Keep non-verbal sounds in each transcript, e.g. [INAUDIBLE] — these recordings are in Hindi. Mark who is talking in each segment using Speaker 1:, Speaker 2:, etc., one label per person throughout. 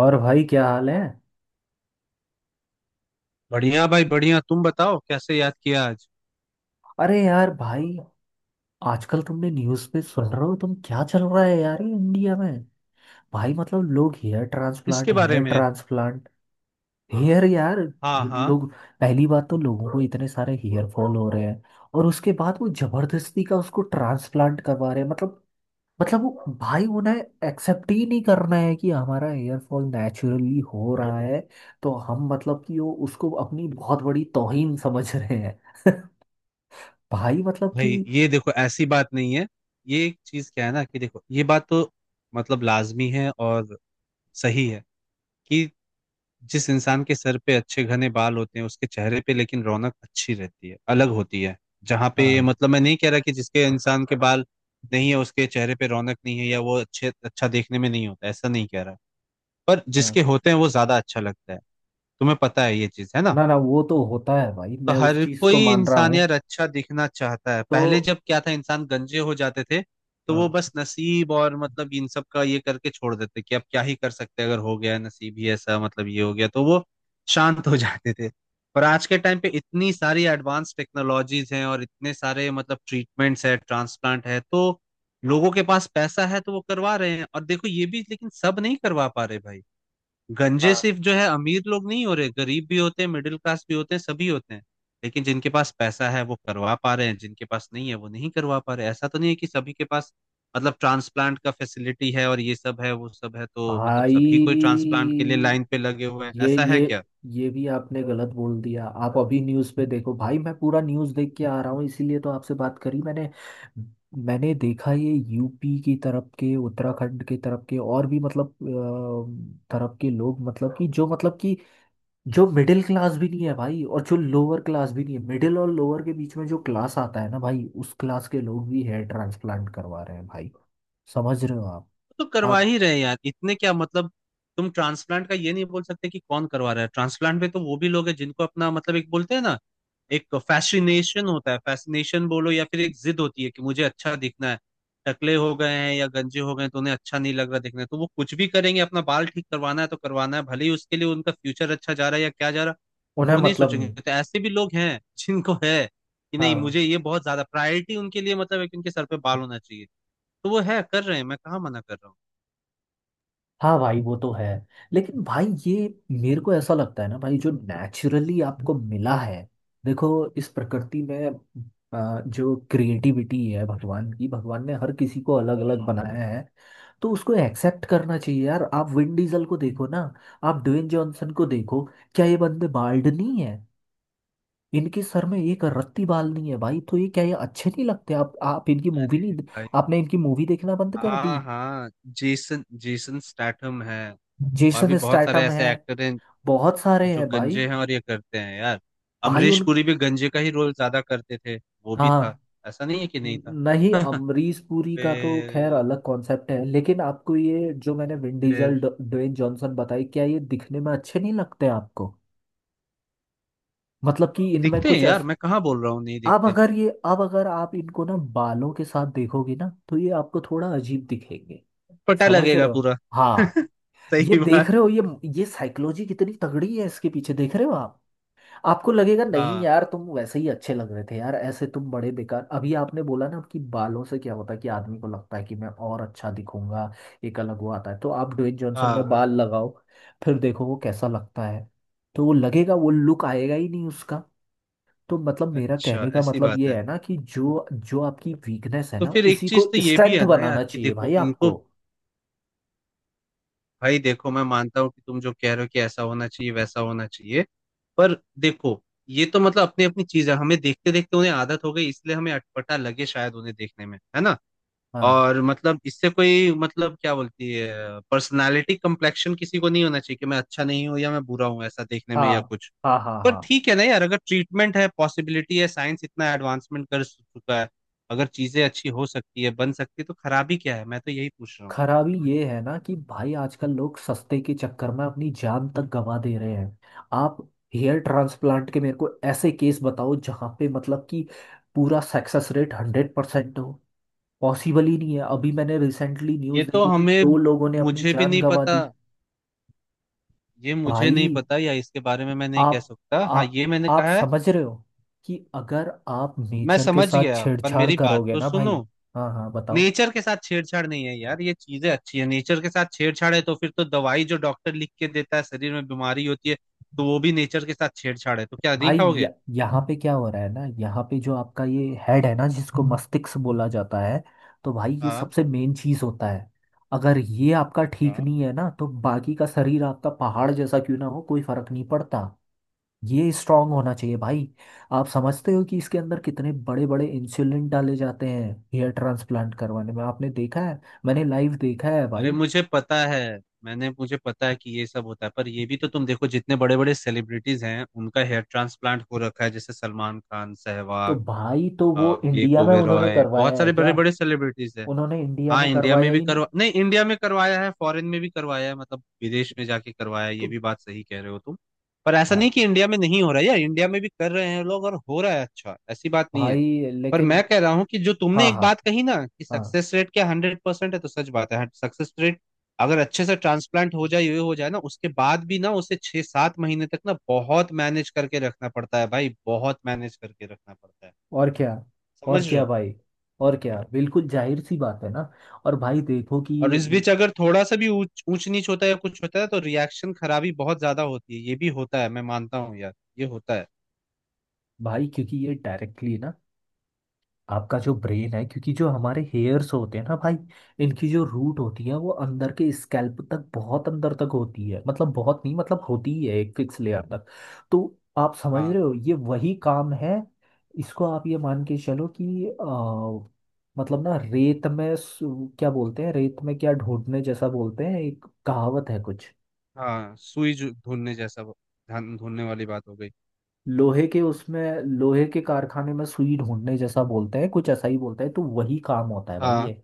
Speaker 1: और भाई क्या हाल है?
Speaker 2: बढ़िया भाई बढ़िया। तुम बताओ कैसे याद किया आज?
Speaker 1: अरे यार भाई, आजकल तुमने न्यूज़ पे सुन रहे हो तुम क्या चल रहा है यार ये इंडिया में? भाई मतलब लोग हेयर
Speaker 2: इसके
Speaker 1: ट्रांसप्लांट हेयर
Speaker 2: बारे में।
Speaker 1: ट्रांसप्लांट। हेयर यार।
Speaker 2: हाँ हाँ।
Speaker 1: लोग पहली बात तो लोगों को इतने सारे हेयर फॉल हो रहे हैं और उसके बाद वो जबरदस्ती का उसको ट्रांसप्लांट करवा रहे हैं। मतलब वो भाई उन्हें एक्सेप्ट ही नहीं करना है कि हमारा हेयर फॉल नेचुरली हो रहा है। तो हम मतलब कि वो उसको अपनी बहुत बड़ी तौहीन समझ रहे हैं। [LAUGHS] भाई मतलब
Speaker 2: भाई
Speaker 1: कि
Speaker 2: ये देखो, ऐसी बात नहीं है। ये एक चीज क्या है ना, कि देखो, ये बात तो मतलब लाजमी है। और सही है कि जिस इंसान के सर पे अच्छे घने बाल होते हैं उसके चेहरे पे लेकिन रौनक अच्छी रहती है, अलग होती है। जहाँ पे
Speaker 1: हाँ
Speaker 2: मतलब, मैं नहीं कह रहा कि जिसके इंसान के बाल नहीं है उसके चेहरे पे रौनक नहीं है या वो अच्छे अच्छा देखने में नहीं होता, ऐसा नहीं कह रहा। पर
Speaker 1: हाँ।
Speaker 2: जिसके होते हैं वो ज्यादा अच्छा लगता है। तुम्हें पता है, ये चीज है ना।
Speaker 1: ना ना वो तो होता है भाई,
Speaker 2: तो
Speaker 1: मैं उस
Speaker 2: हर
Speaker 1: चीज को
Speaker 2: कोई
Speaker 1: मान रहा
Speaker 2: इंसान
Speaker 1: हूँ।
Speaker 2: यार अच्छा दिखना चाहता है।
Speaker 1: तो
Speaker 2: पहले जब क्या था, इंसान गंजे हो जाते थे तो वो
Speaker 1: हाँ
Speaker 2: बस नसीब और मतलब इन सब का ये करके छोड़ देते कि अब क्या ही कर सकते हैं, अगर हो गया नसीब ही ऐसा मतलब ये हो गया तो वो शांत हो [LAUGHS] जाते थे। पर आज के टाइम पे इतनी सारी एडवांस टेक्नोलॉजीज हैं और इतने सारे मतलब ट्रीटमेंट्स है, ट्रांसप्लांट है, तो लोगों के पास पैसा है तो वो करवा रहे हैं। और देखो, ये भी लेकिन सब नहीं करवा पा रहे भाई। गंजे
Speaker 1: हाँ।
Speaker 2: सिर्फ जो है अमीर लोग नहीं हो रहे, गरीब भी होते हैं, मिडिल क्लास भी होते हैं, सभी होते हैं। लेकिन जिनके पास पैसा है वो करवा पा रहे हैं, जिनके पास नहीं है वो नहीं करवा पा रहे। ऐसा तो नहीं है कि सभी के पास मतलब ट्रांसप्लांट का फैसिलिटी है और ये सब है वो सब है, तो मतलब
Speaker 1: भाई
Speaker 2: सभी कोई ट्रांसप्लांट के लिए लाइन पे लगे हुए हैं,
Speaker 1: ये
Speaker 2: ऐसा है
Speaker 1: ये
Speaker 2: क्या?
Speaker 1: ये भी आपने गलत बोल दिया। आप अभी न्यूज़ पे देखो भाई, मैं पूरा न्यूज़ देख के आ रहा हूँ, इसीलिए तो आपसे बात करी मैंने। मैंने देखा ये यूपी की तरफ के, उत्तराखंड के तरफ के और भी मतलब तरफ के लोग, मतलब कि जो, मतलब कि जो मिडिल क्लास भी नहीं है भाई, और जो लोअर क्लास भी नहीं है, मिडिल और लोअर के बीच में जो क्लास आता है ना भाई, उस क्लास के लोग भी हेयर ट्रांसप्लांट करवा रहे हैं भाई। समझ रहे हो आप
Speaker 2: तो करवा
Speaker 1: आप
Speaker 2: ही रहे हैं यार, इतने क्या मतलब। तुम ट्रांसप्लांट का ये नहीं बोल सकते कि कौन करवा रहा है। ट्रांसप्लांट में तो वो भी लोग हैं जिनको अपना मतलब, एक बोलते हैं ना, एक फैसिनेशन होता है। फैसिनेशन बोलो या फिर एक जिद होती है कि मुझे अच्छा दिखना है। टकले हो गए हैं या गंजे हो गए हैं तो उन्हें अच्छा नहीं लग रहा, दिखना है तो वो कुछ भी करेंगे। अपना बाल ठीक करवाना है तो करवाना है, भले ही उसके लिए उनका फ्यूचर अच्छा जा रहा है या क्या जा रहा है,
Speaker 1: उन्हें
Speaker 2: वो नहीं
Speaker 1: मतलब
Speaker 2: सोचेंगे।
Speaker 1: नहीं।
Speaker 2: तो ऐसे भी लोग हैं [LAUGHS] जिनको है कि नहीं
Speaker 1: हाँ
Speaker 2: मुझे ये बहुत ज्यादा प्रायोरिटी उनके लिए मतलब है कि उनके सर पे बाल होना चाहिए। तो वो है, कर रहे हैं, मैं कहाँ मना कर रहा हूँ।
Speaker 1: हाँ भाई वो तो है। लेकिन भाई ये मेरे को ऐसा लगता है ना भाई, जो नेचुरली आपको मिला है। देखो, इस प्रकृति में जो क्रिएटिविटी है भगवान की, भगवान ने हर किसी को अलग अलग बनाया है। तो उसको एक्सेप्ट करना चाहिए यार। आप विन डीजल को देखो ना। आप ड्वेन जॉनसन को देखो। क्या ये बंदे बाल्ड नहीं है? इनके सर में एक रत्ती बाल नहीं है भाई। तो ये क्या, ये अच्छे नहीं लगते? आप इनकी मूवी
Speaker 2: अरे
Speaker 1: नहीं,
Speaker 2: भाई।
Speaker 1: आपने इनकी मूवी देखना बंद कर दी?
Speaker 2: हाँ हाँ। जेसन जेसन स्टैथम है। और भी
Speaker 1: जेसन
Speaker 2: बहुत सारे
Speaker 1: स्टैटम है।
Speaker 2: ऐसे एक्टर हैं
Speaker 1: बहुत सारे
Speaker 2: जो
Speaker 1: हैं भाई।
Speaker 2: गंजे हैं और ये करते हैं यार।
Speaker 1: भाई
Speaker 2: अमरीश
Speaker 1: उन
Speaker 2: पुरी भी गंजे का ही रोल ज्यादा करते थे। वो भी
Speaker 1: हाँ,
Speaker 2: था, ऐसा नहीं है कि नहीं
Speaker 1: न-
Speaker 2: था।
Speaker 1: नहीं,
Speaker 2: [LAUGHS]
Speaker 1: अमरीश पुरी का तो खैर
Speaker 2: फिर,
Speaker 1: अलग कॉन्सेप्ट है, लेकिन आपको ये जो मैंने
Speaker 2: और
Speaker 1: विन डीजल
Speaker 2: फिर
Speaker 1: ड्वेन जॉनसन बताई, क्या ये दिखने में अच्छे नहीं लगते आपको? मतलब कि इनमें
Speaker 2: दिखते हैं
Speaker 1: कुछ
Speaker 2: यार, मैं कहाँ बोल रहा हूँ नहीं
Speaker 1: अब
Speaker 2: दिखते,
Speaker 1: अगर ये, अब अगर आप इनको ना बालों के साथ देखोगे ना, तो ये आपको थोड़ा अजीब दिखेंगे।
Speaker 2: पता
Speaker 1: समझ
Speaker 2: लगेगा
Speaker 1: रहे हो?
Speaker 2: पूरा।
Speaker 1: हाँ।
Speaker 2: [LAUGHS]
Speaker 1: ये
Speaker 2: सही
Speaker 1: देख
Speaker 2: बात।
Speaker 1: रहे हो, ये साइकोलॉजी कितनी तगड़ी है इसके पीछे, देख रहे हो आप? आपको लगेगा, नहीं
Speaker 2: हाँ
Speaker 1: यार तुम वैसे ही अच्छे लग रहे थे यार, ऐसे तुम बड़े बेकार। अभी आपने बोला ना कि बालों से क्या होता है कि आदमी को लगता है कि मैं और अच्छा दिखूंगा, एक अलग वो आता है। तो आप ड्वेन जॉनसन में
Speaker 2: हाँ।
Speaker 1: बाल लगाओ, फिर देखो वो कैसा लगता है। तो वो लगेगा, वो लुक आएगा ही नहीं उसका। तो मतलब मेरा
Speaker 2: अच्छा,
Speaker 1: कहने का
Speaker 2: ऐसी
Speaker 1: मतलब
Speaker 2: बात
Speaker 1: ये
Speaker 2: है।
Speaker 1: है ना कि जो जो आपकी वीकनेस है
Speaker 2: तो
Speaker 1: ना,
Speaker 2: फिर एक
Speaker 1: उसी
Speaker 2: चीज
Speaker 1: को
Speaker 2: तो ये भी
Speaker 1: स्ट्रेंथ
Speaker 2: है ना यार
Speaker 1: बनाना
Speaker 2: कि
Speaker 1: चाहिए
Speaker 2: देखो
Speaker 1: भाई
Speaker 2: इनको।
Speaker 1: आपको।
Speaker 2: भाई देखो, मैं मानता हूँ कि तुम जो कह रहे हो कि ऐसा होना चाहिए वैसा होना चाहिए, पर देखो, ये तो मतलब अपनी अपनी चीज है। हमें देखते देखते उन्हें आदत हो गई, इसलिए हमें अटपटा लगे, शायद उन्हें देखने में है ना।
Speaker 1: हाँ
Speaker 2: और मतलब इससे कोई मतलब क्या बोलती है, पर्सनालिटी कम्प्लेक्शन किसी को नहीं होना चाहिए कि मैं अच्छा नहीं हूँ या मैं बुरा हूँ, ऐसा देखने में
Speaker 1: हाँ
Speaker 2: या कुछ।
Speaker 1: हाँ। हाँ
Speaker 2: पर
Speaker 1: हाँ।
Speaker 2: ठीक है ना यार, अगर ट्रीटमेंट है, पॉसिबिलिटी है, साइंस इतना एडवांसमेंट कर चुका है, अगर चीजें अच्छी हो सकती है, बन सकती है, तो खराबी क्या है? मैं तो यही पूछ रहा हूँ।
Speaker 1: खराबी ये है ना कि भाई आजकल लोग सस्ते के चक्कर में अपनी जान तक गंवा दे रहे हैं। आप हेयर ट्रांसप्लांट के मेरे को ऐसे केस बताओ जहाँ पे मतलब कि पूरा सक्सेस रेट 100% हो। पॉसिबल ही नहीं है। अभी मैंने रिसेंटली
Speaker 2: ये
Speaker 1: न्यूज़
Speaker 2: तो
Speaker 1: देखी कि
Speaker 2: हमें,
Speaker 1: दो लोगों ने अपनी
Speaker 2: मुझे भी
Speaker 1: जान
Speaker 2: नहीं
Speaker 1: गंवा
Speaker 2: पता।
Speaker 1: दी
Speaker 2: ये मुझे नहीं
Speaker 1: भाई।
Speaker 2: पता या इसके बारे में मैं नहीं कह
Speaker 1: आप
Speaker 2: सकता,
Speaker 1: आ,
Speaker 2: हाँ ये मैंने
Speaker 1: आप
Speaker 2: कहा है।
Speaker 1: समझ रहे हो कि अगर आप
Speaker 2: मैं
Speaker 1: नेचर के
Speaker 2: समझ
Speaker 1: साथ
Speaker 2: गया, पर
Speaker 1: छेड़छाड़
Speaker 2: मेरी बात
Speaker 1: करोगे
Speaker 2: तो
Speaker 1: ना
Speaker 2: सुनो।
Speaker 1: भाई। हाँ हाँ बताओ।
Speaker 2: नेचर के साथ छेड़छाड़ नहीं है यार, ये चीजें अच्छी है। नेचर के साथ छेड़छाड़ है तो फिर तो दवाई जो डॉक्टर लिख के देता है शरीर में बीमारी होती है तो वो भी नेचर के साथ छेड़छाड़ है, तो क्या नहीं
Speaker 1: भाई
Speaker 2: खाओगे?
Speaker 1: यहाँ पे क्या हो रहा है ना, यहाँ पे जो आपका ये हेड है ना जिसको मस्तिष्क बोला जाता है, तो भाई ये
Speaker 2: हाँ
Speaker 1: सबसे मेन चीज होता है। अगर ये आपका ठीक
Speaker 2: हाँ।
Speaker 1: नहीं है ना, तो बाकी का शरीर आपका पहाड़ जैसा क्यों ना हो, कोई फर्क नहीं पड़ता। ये स्ट्रांग होना चाहिए भाई। आप समझते हो कि इसके अंदर कितने बड़े बड़े इंसुलिन डाले जाते हैं हेयर ट्रांसप्लांट करवाने में? आपने देखा है? मैंने लाइव देखा है
Speaker 2: अरे
Speaker 1: भाई।
Speaker 2: मुझे पता है। मैंने मुझे पता है कि ये सब होता है, पर ये भी तो तुम देखो, जितने बड़े बड़े सेलिब्रिटीज हैं उनका हेयर ट्रांसप्लांट हो रखा है, जैसे सलमान खान,
Speaker 1: तो
Speaker 2: सहवाग,
Speaker 1: भाई तो वो
Speaker 2: विवेक
Speaker 1: इंडिया में उन्होंने
Speaker 2: ओबेरॉय,
Speaker 1: करवाया
Speaker 2: बहुत
Speaker 1: है
Speaker 2: सारे
Speaker 1: क्या?
Speaker 2: बड़े बड़े सेलिब्रिटीज है।
Speaker 1: उन्होंने इंडिया
Speaker 2: हाँ,
Speaker 1: में
Speaker 2: इंडिया में
Speaker 1: करवाया
Speaker 2: भी
Speaker 1: ही नहीं।
Speaker 2: करवा नहीं, इंडिया में करवाया है, फॉरेन में भी करवाया है, मतलब विदेश में जाके करवाया है, ये
Speaker 1: तो
Speaker 2: भी बात सही कह रहे हो तुम। पर ऐसा
Speaker 1: भा,
Speaker 2: नहीं कि इंडिया में नहीं हो रहा है यार, इंडिया में भी कर रहे हैं लोग और हो रहा है, अच्छा ऐसी बात नहीं है।
Speaker 1: भाई
Speaker 2: पर
Speaker 1: लेकिन
Speaker 2: मैं कह रहा हूँ कि जो तुमने
Speaker 1: हाँ
Speaker 2: एक
Speaker 1: हाँ
Speaker 2: बात कही ना कि
Speaker 1: हाँ
Speaker 2: सक्सेस रेट क्या 100% है, तो सच बात है, सक्सेस रेट अगर अच्छे से ट्रांसप्लांट हो जाए ये हो जाए ना, उसके बाद भी ना उसे 6-7 महीने तक ना बहुत मैनेज करके रखना पड़ता है भाई, बहुत मैनेज करके रखना पड़ता है।
Speaker 1: और क्या, और
Speaker 2: समझ रहे
Speaker 1: क्या
Speaker 2: हो।
Speaker 1: भाई, और क्या, बिल्कुल जाहिर सी बात है ना। और भाई देखो
Speaker 2: और
Speaker 1: कि
Speaker 2: इस बीच अगर थोड़ा सा भी ऊंच ऊंच नीच होता है या कुछ होता है तो रिएक्शन खराबी बहुत ज्यादा होती है, ये भी होता है, मैं मानता हूँ यार, ये होता है।
Speaker 1: भाई क्योंकि ये डायरेक्टली ना आपका जो ब्रेन है, क्योंकि जो हमारे हेयर्स होते हैं ना भाई, इनकी जो रूट होती है वो अंदर के स्कैल्प तक बहुत अंदर तक होती है, मतलब बहुत नहीं, मतलब होती ही है एक फिक्स लेयर तक। तो आप समझ
Speaker 2: हाँ
Speaker 1: रहे हो, ये वही काम है। इसको आप ये मान के चलो कि मतलब ना, रेत में क्या बोलते हैं, रेत में क्या ढूंढने जैसा बोलते हैं, एक कहावत है कुछ।
Speaker 2: हाँ। सुई ढूंढने जैसा धान ढूंढने वाली बात हो गई।
Speaker 1: लोहे के उसमें लोहे के कारखाने में सुई ढूंढने जैसा बोलते हैं, कुछ ऐसा ही बोलते हैं। तो वही काम होता है भाई
Speaker 2: हाँ
Speaker 1: ये।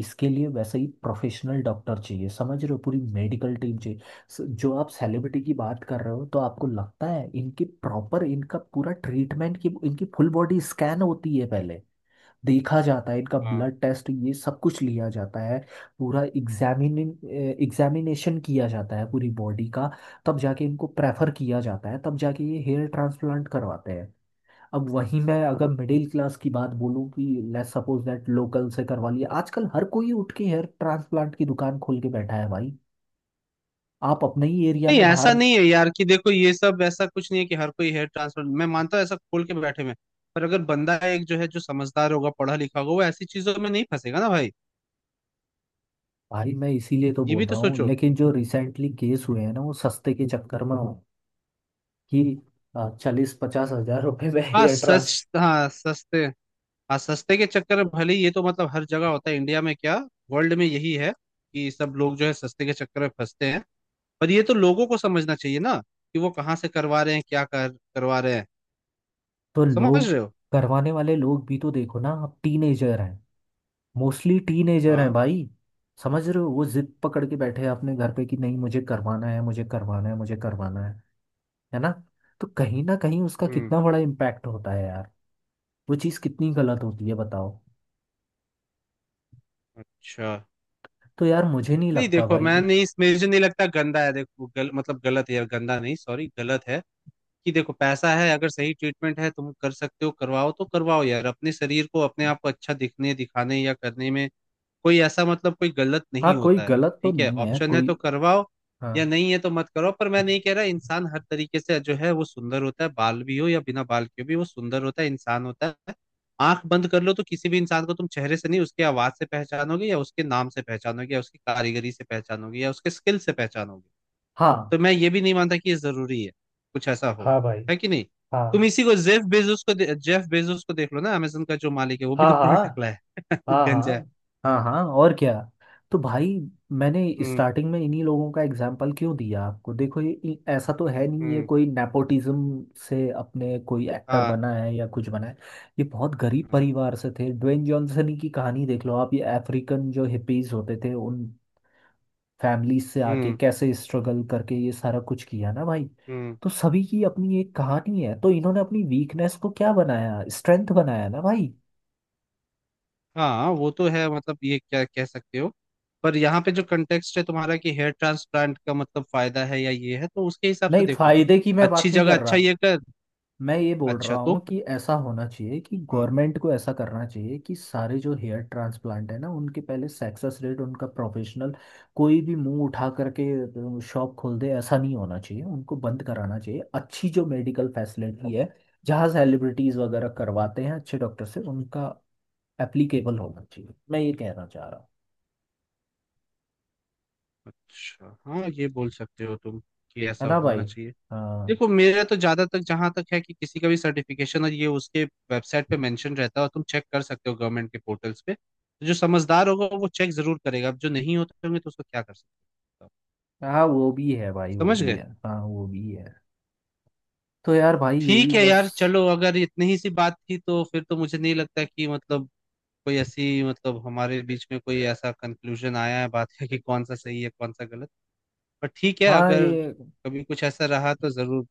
Speaker 1: इसके लिए वैसे ही प्रोफेशनल डॉक्टर चाहिए, समझ रहे हो? पूरी मेडिकल टीम चाहिए। जो आप सेलिब्रिटी की बात कर रहे हो, तो आपको लगता है इनकी प्रॉपर, इनका पूरा ट्रीटमेंट की इनकी फुल बॉडी स्कैन होती है पहले, देखा जाता है, इनका
Speaker 2: हाँ।
Speaker 1: ब्लड टेस्ट, ये सब कुछ लिया जाता है, पूरा एग्जामिन एग्जामिनेशन किया जाता है पूरी बॉडी का, तब जाके इनको प्रेफर किया जाता है, तब जाके ये हेयर ट्रांसप्लांट करवाते हैं। अब वहीं मैं अगर मिडिल क्लास की बात बोलूँ कि लेट्स सपोज दैट लोकल से करवा लिया, आजकल हर कोई उठ के हेयर ट्रांसप्लांट की दुकान खोल के बैठा है भाई। आप अपने ही एरिया
Speaker 2: नहीं,
Speaker 1: में
Speaker 2: ऐसा
Speaker 1: बाहर
Speaker 2: नहीं है यार, कि देखो ये सब ऐसा कुछ नहीं है कि हर कोई हेयर ट्रांसफर मैं मानता हूँ ऐसा खोल के बैठे में। पर अगर बंदा एक जो है जो समझदार होगा, पढ़ा लिखा होगा वो ऐसी चीजों में नहीं फंसेगा ना भाई।
Speaker 1: भाई, मैं इसीलिए तो
Speaker 2: ये
Speaker 1: बोल
Speaker 2: भी तो
Speaker 1: रहा हूँ,
Speaker 2: सोचो।
Speaker 1: लेकिन जो रिसेंटली केस हुए हैं ना वो सस्ते के चक्कर में हो कि 40-50 हज़ार रुपए में
Speaker 2: हाँ
Speaker 1: हेयर
Speaker 2: सच। हाँ सस्ते। हाँ, सस्ते के चक्कर में, भले ही ये तो मतलब हर जगह होता है, इंडिया में क्या, वर्ल्ड में यही है कि सब लोग जो है सस्ते के चक्कर में फंसते हैं। पर ये तो लोगों को समझना चाहिए ना कि वो कहाँ से करवा रहे हैं, क्या कर करवा रहे हैं।
Speaker 1: तो
Speaker 2: समझ
Speaker 1: लोग,
Speaker 2: रहे हो।
Speaker 1: करवाने वाले लोग भी तो देखो ना, आप टीनेजर हैं, मोस्टली टीनेजर हैं
Speaker 2: हाँ।
Speaker 1: भाई। समझ रहे हो, वो जिद पकड़ के बैठे हैं अपने घर पे कि नहीं मुझे करवाना है, मुझे करवाना है, मुझे करवाना है ना? तो कहीं ना कहीं उसका
Speaker 2: हम्म।
Speaker 1: कितना बड़ा इम्पैक्ट होता है यार, वो चीज़ कितनी गलत होती है बताओ।
Speaker 2: अच्छा।
Speaker 1: तो यार मुझे नहीं
Speaker 2: नहीं
Speaker 1: लगता
Speaker 2: देखो,
Speaker 1: भाई।
Speaker 2: मैं नहीं इसमें मुझे नहीं लगता गंदा है, देखो मतलब गलत है यार, गंदा नहीं, सॉरी गलत है। कि देखो, पैसा है अगर, सही ट्रीटमेंट है, तुम कर सकते हो करवाओ तो करवाओ यार, अपने शरीर को, अपने आप को अच्छा दिखने दिखाने या करने में कोई ऐसा मतलब कोई गलत
Speaker 1: हाँ
Speaker 2: नहीं
Speaker 1: कोई
Speaker 2: होता है।
Speaker 1: गलत तो
Speaker 2: ठीक है,
Speaker 1: नहीं है
Speaker 2: ऑप्शन है तो
Speaker 1: कोई।
Speaker 2: करवाओ,
Speaker 1: हाँ
Speaker 2: या नहीं है तो मत करो। पर मैं नहीं कह रहा, इंसान हर तरीके से जो है वो सुंदर होता है, बाल भी हो या बिना बाल के भी वो सुंदर होता है, इंसान होता है। आंख बंद कर लो तो किसी भी इंसान को तुम चेहरे से नहीं, उसके आवाज से पहचानोगे या उसके नाम से पहचानोगे या उसकी कारीगरी से पहचानोगे या उसके स्किल से पहचानोगे।
Speaker 1: हाँ
Speaker 2: तो मैं ये भी नहीं मानता कि ये जरूरी है कुछ ऐसा हो,
Speaker 1: हाँ भाई।
Speaker 2: है कि नहीं। तुम
Speaker 1: हाँ
Speaker 2: इसी को, जेफ बेजोस को देख लो ना, अमेजन का जो मालिक है वो भी
Speaker 1: हाँ
Speaker 2: तो
Speaker 1: हाँ।
Speaker 2: पूरा टकला है [LAUGHS]
Speaker 1: हाँ
Speaker 2: गंजा है।
Speaker 1: हाँ हाँ हाँ और क्या। तो भाई मैंने
Speaker 2: हम्म
Speaker 1: स्टार्टिंग में इन्हीं लोगों का एग्जाम्पल क्यों दिया आपको? देखो ये ऐसा तो है नहीं, ये
Speaker 2: हम्म।
Speaker 1: कोई नेपोटिज्म से अपने कोई एक्टर
Speaker 2: हाँ
Speaker 1: बना है या कुछ बना है। ये बहुत गरीब
Speaker 2: हाँ,
Speaker 1: परिवार से थे। ड्वेन जॉनसन की कहानी देख लो आप, ये अफ्रीकन जो हिपीज होते थे उन फैमिली से आके
Speaker 2: हम्म
Speaker 1: कैसे स्ट्रगल करके ये सारा कुछ किया ना भाई।
Speaker 2: हम्म।
Speaker 1: तो सभी की अपनी एक कहानी है। तो इन्होंने अपनी वीकनेस को क्या बनाया? स्ट्रेंथ बनाया ना भाई।
Speaker 2: हाँ वो तो है, मतलब ये क्या कह सकते हो। पर यहाँ पे जो कंटेक्स्ट है तुम्हारा कि हेयर ट्रांसप्लांट का मतलब फायदा है या ये है, तो उसके हिसाब से
Speaker 1: नहीं,
Speaker 2: देखो।
Speaker 1: फायदे की मैं बात
Speaker 2: अच्छी
Speaker 1: नहीं
Speaker 2: जगह,
Speaker 1: कर
Speaker 2: अच्छा
Speaker 1: रहा।
Speaker 2: ये कर।
Speaker 1: मैं ये बोल रहा
Speaker 2: अच्छा
Speaker 1: हूँ
Speaker 2: तो,
Speaker 1: कि ऐसा होना चाहिए कि
Speaker 2: हाँ।
Speaker 1: गवर्नमेंट को ऐसा करना चाहिए कि सारे जो हेयर ट्रांसप्लांट है ना उनके पहले सक्सेस रेट, उनका प्रोफेशनल, कोई भी मुंह उठा करके शॉप खोल दे ऐसा नहीं होना चाहिए, उनको बंद कराना चाहिए। अच्छी जो मेडिकल फैसिलिटी है जहाँ सेलिब्रिटीज़ वगैरह करवाते हैं अच्छे डॉक्टर से उनका एप्लीकेबल होना चाहिए, मैं ये कहना चाह रहा हूँ।
Speaker 2: अच्छा हाँ, ये बोल सकते हो तुम कि
Speaker 1: है
Speaker 2: ऐसा
Speaker 1: ना
Speaker 2: होना
Speaker 1: भाई?
Speaker 2: चाहिए।
Speaker 1: हाँ,
Speaker 2: देखो, मेरा तो ज्यादा तक जहां तक है कि किसी का भी सर्टिफिकेशन और ये उसके वेबसाइट पे मेंशन रहता है, और तुम चेक कर सकते हो गवर्नमेंट के पोर्टल्स पे, तो जो समझदार होगा वो चेक जरूर करेगा, अब जो नहीं होते होंगे तो उसको क्या कर सकता हो।
Speaker 1: हाँ वो भी है भाई, वो
Speaker 2: समझ
Speaker 1: भी
Speaker 2: गए।
Speaker 1: है, हाँ वो भी है। तो यार भाई यही
Speaker 2: ठीक है
Speaker 1: बस।
Speaker 2: यार चलो, अगर इतनी ही सी बात थी तो फिर तो मुझे नहीं लगता कि मतलब कोई ऐसी, मतलब हमारे बीच में कोई ऐसा कंक्लूजन आया है बात का कि कौन सा सही है कौन सा गलत। पर ठीक है,
Speaker 1: हाँ
Speaker 2: अगर
Speaker 1: ये।
Speaker 2: कभी कुछ ऐसा रहा तो जरूर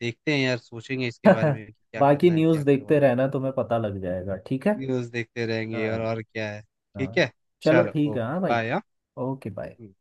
Speaker 2: देखते हैं यार, सोचेंगे इसके बारे
Speaker 1: [LAUGHS]
Speaker 2: में कि क्या
Speaker 1: बाकी
Speaker 2: करना है क्या
Speaker 1: न्यूज़ देखते
Speaker 2: करवाना
Speaker 1: रहना, तुम्हें पता लग जाएगा, ठीक है?
Speaker 2: है। न्यूज़ देखते रहेंगे यार,
Speaker 1: हाँ।
Speaker 2: और क्या है। ठीक
Speaker 1: हाँ।
Speaker 2: है।
Speaker 1: चलो
Speaker 2: चलो,
Speaker 1: ठीक है,
Speaker 2: ओके
Speaker 1: हाँ भाई।
Speaker 2: बाय।
Speaker 1: Okay bye.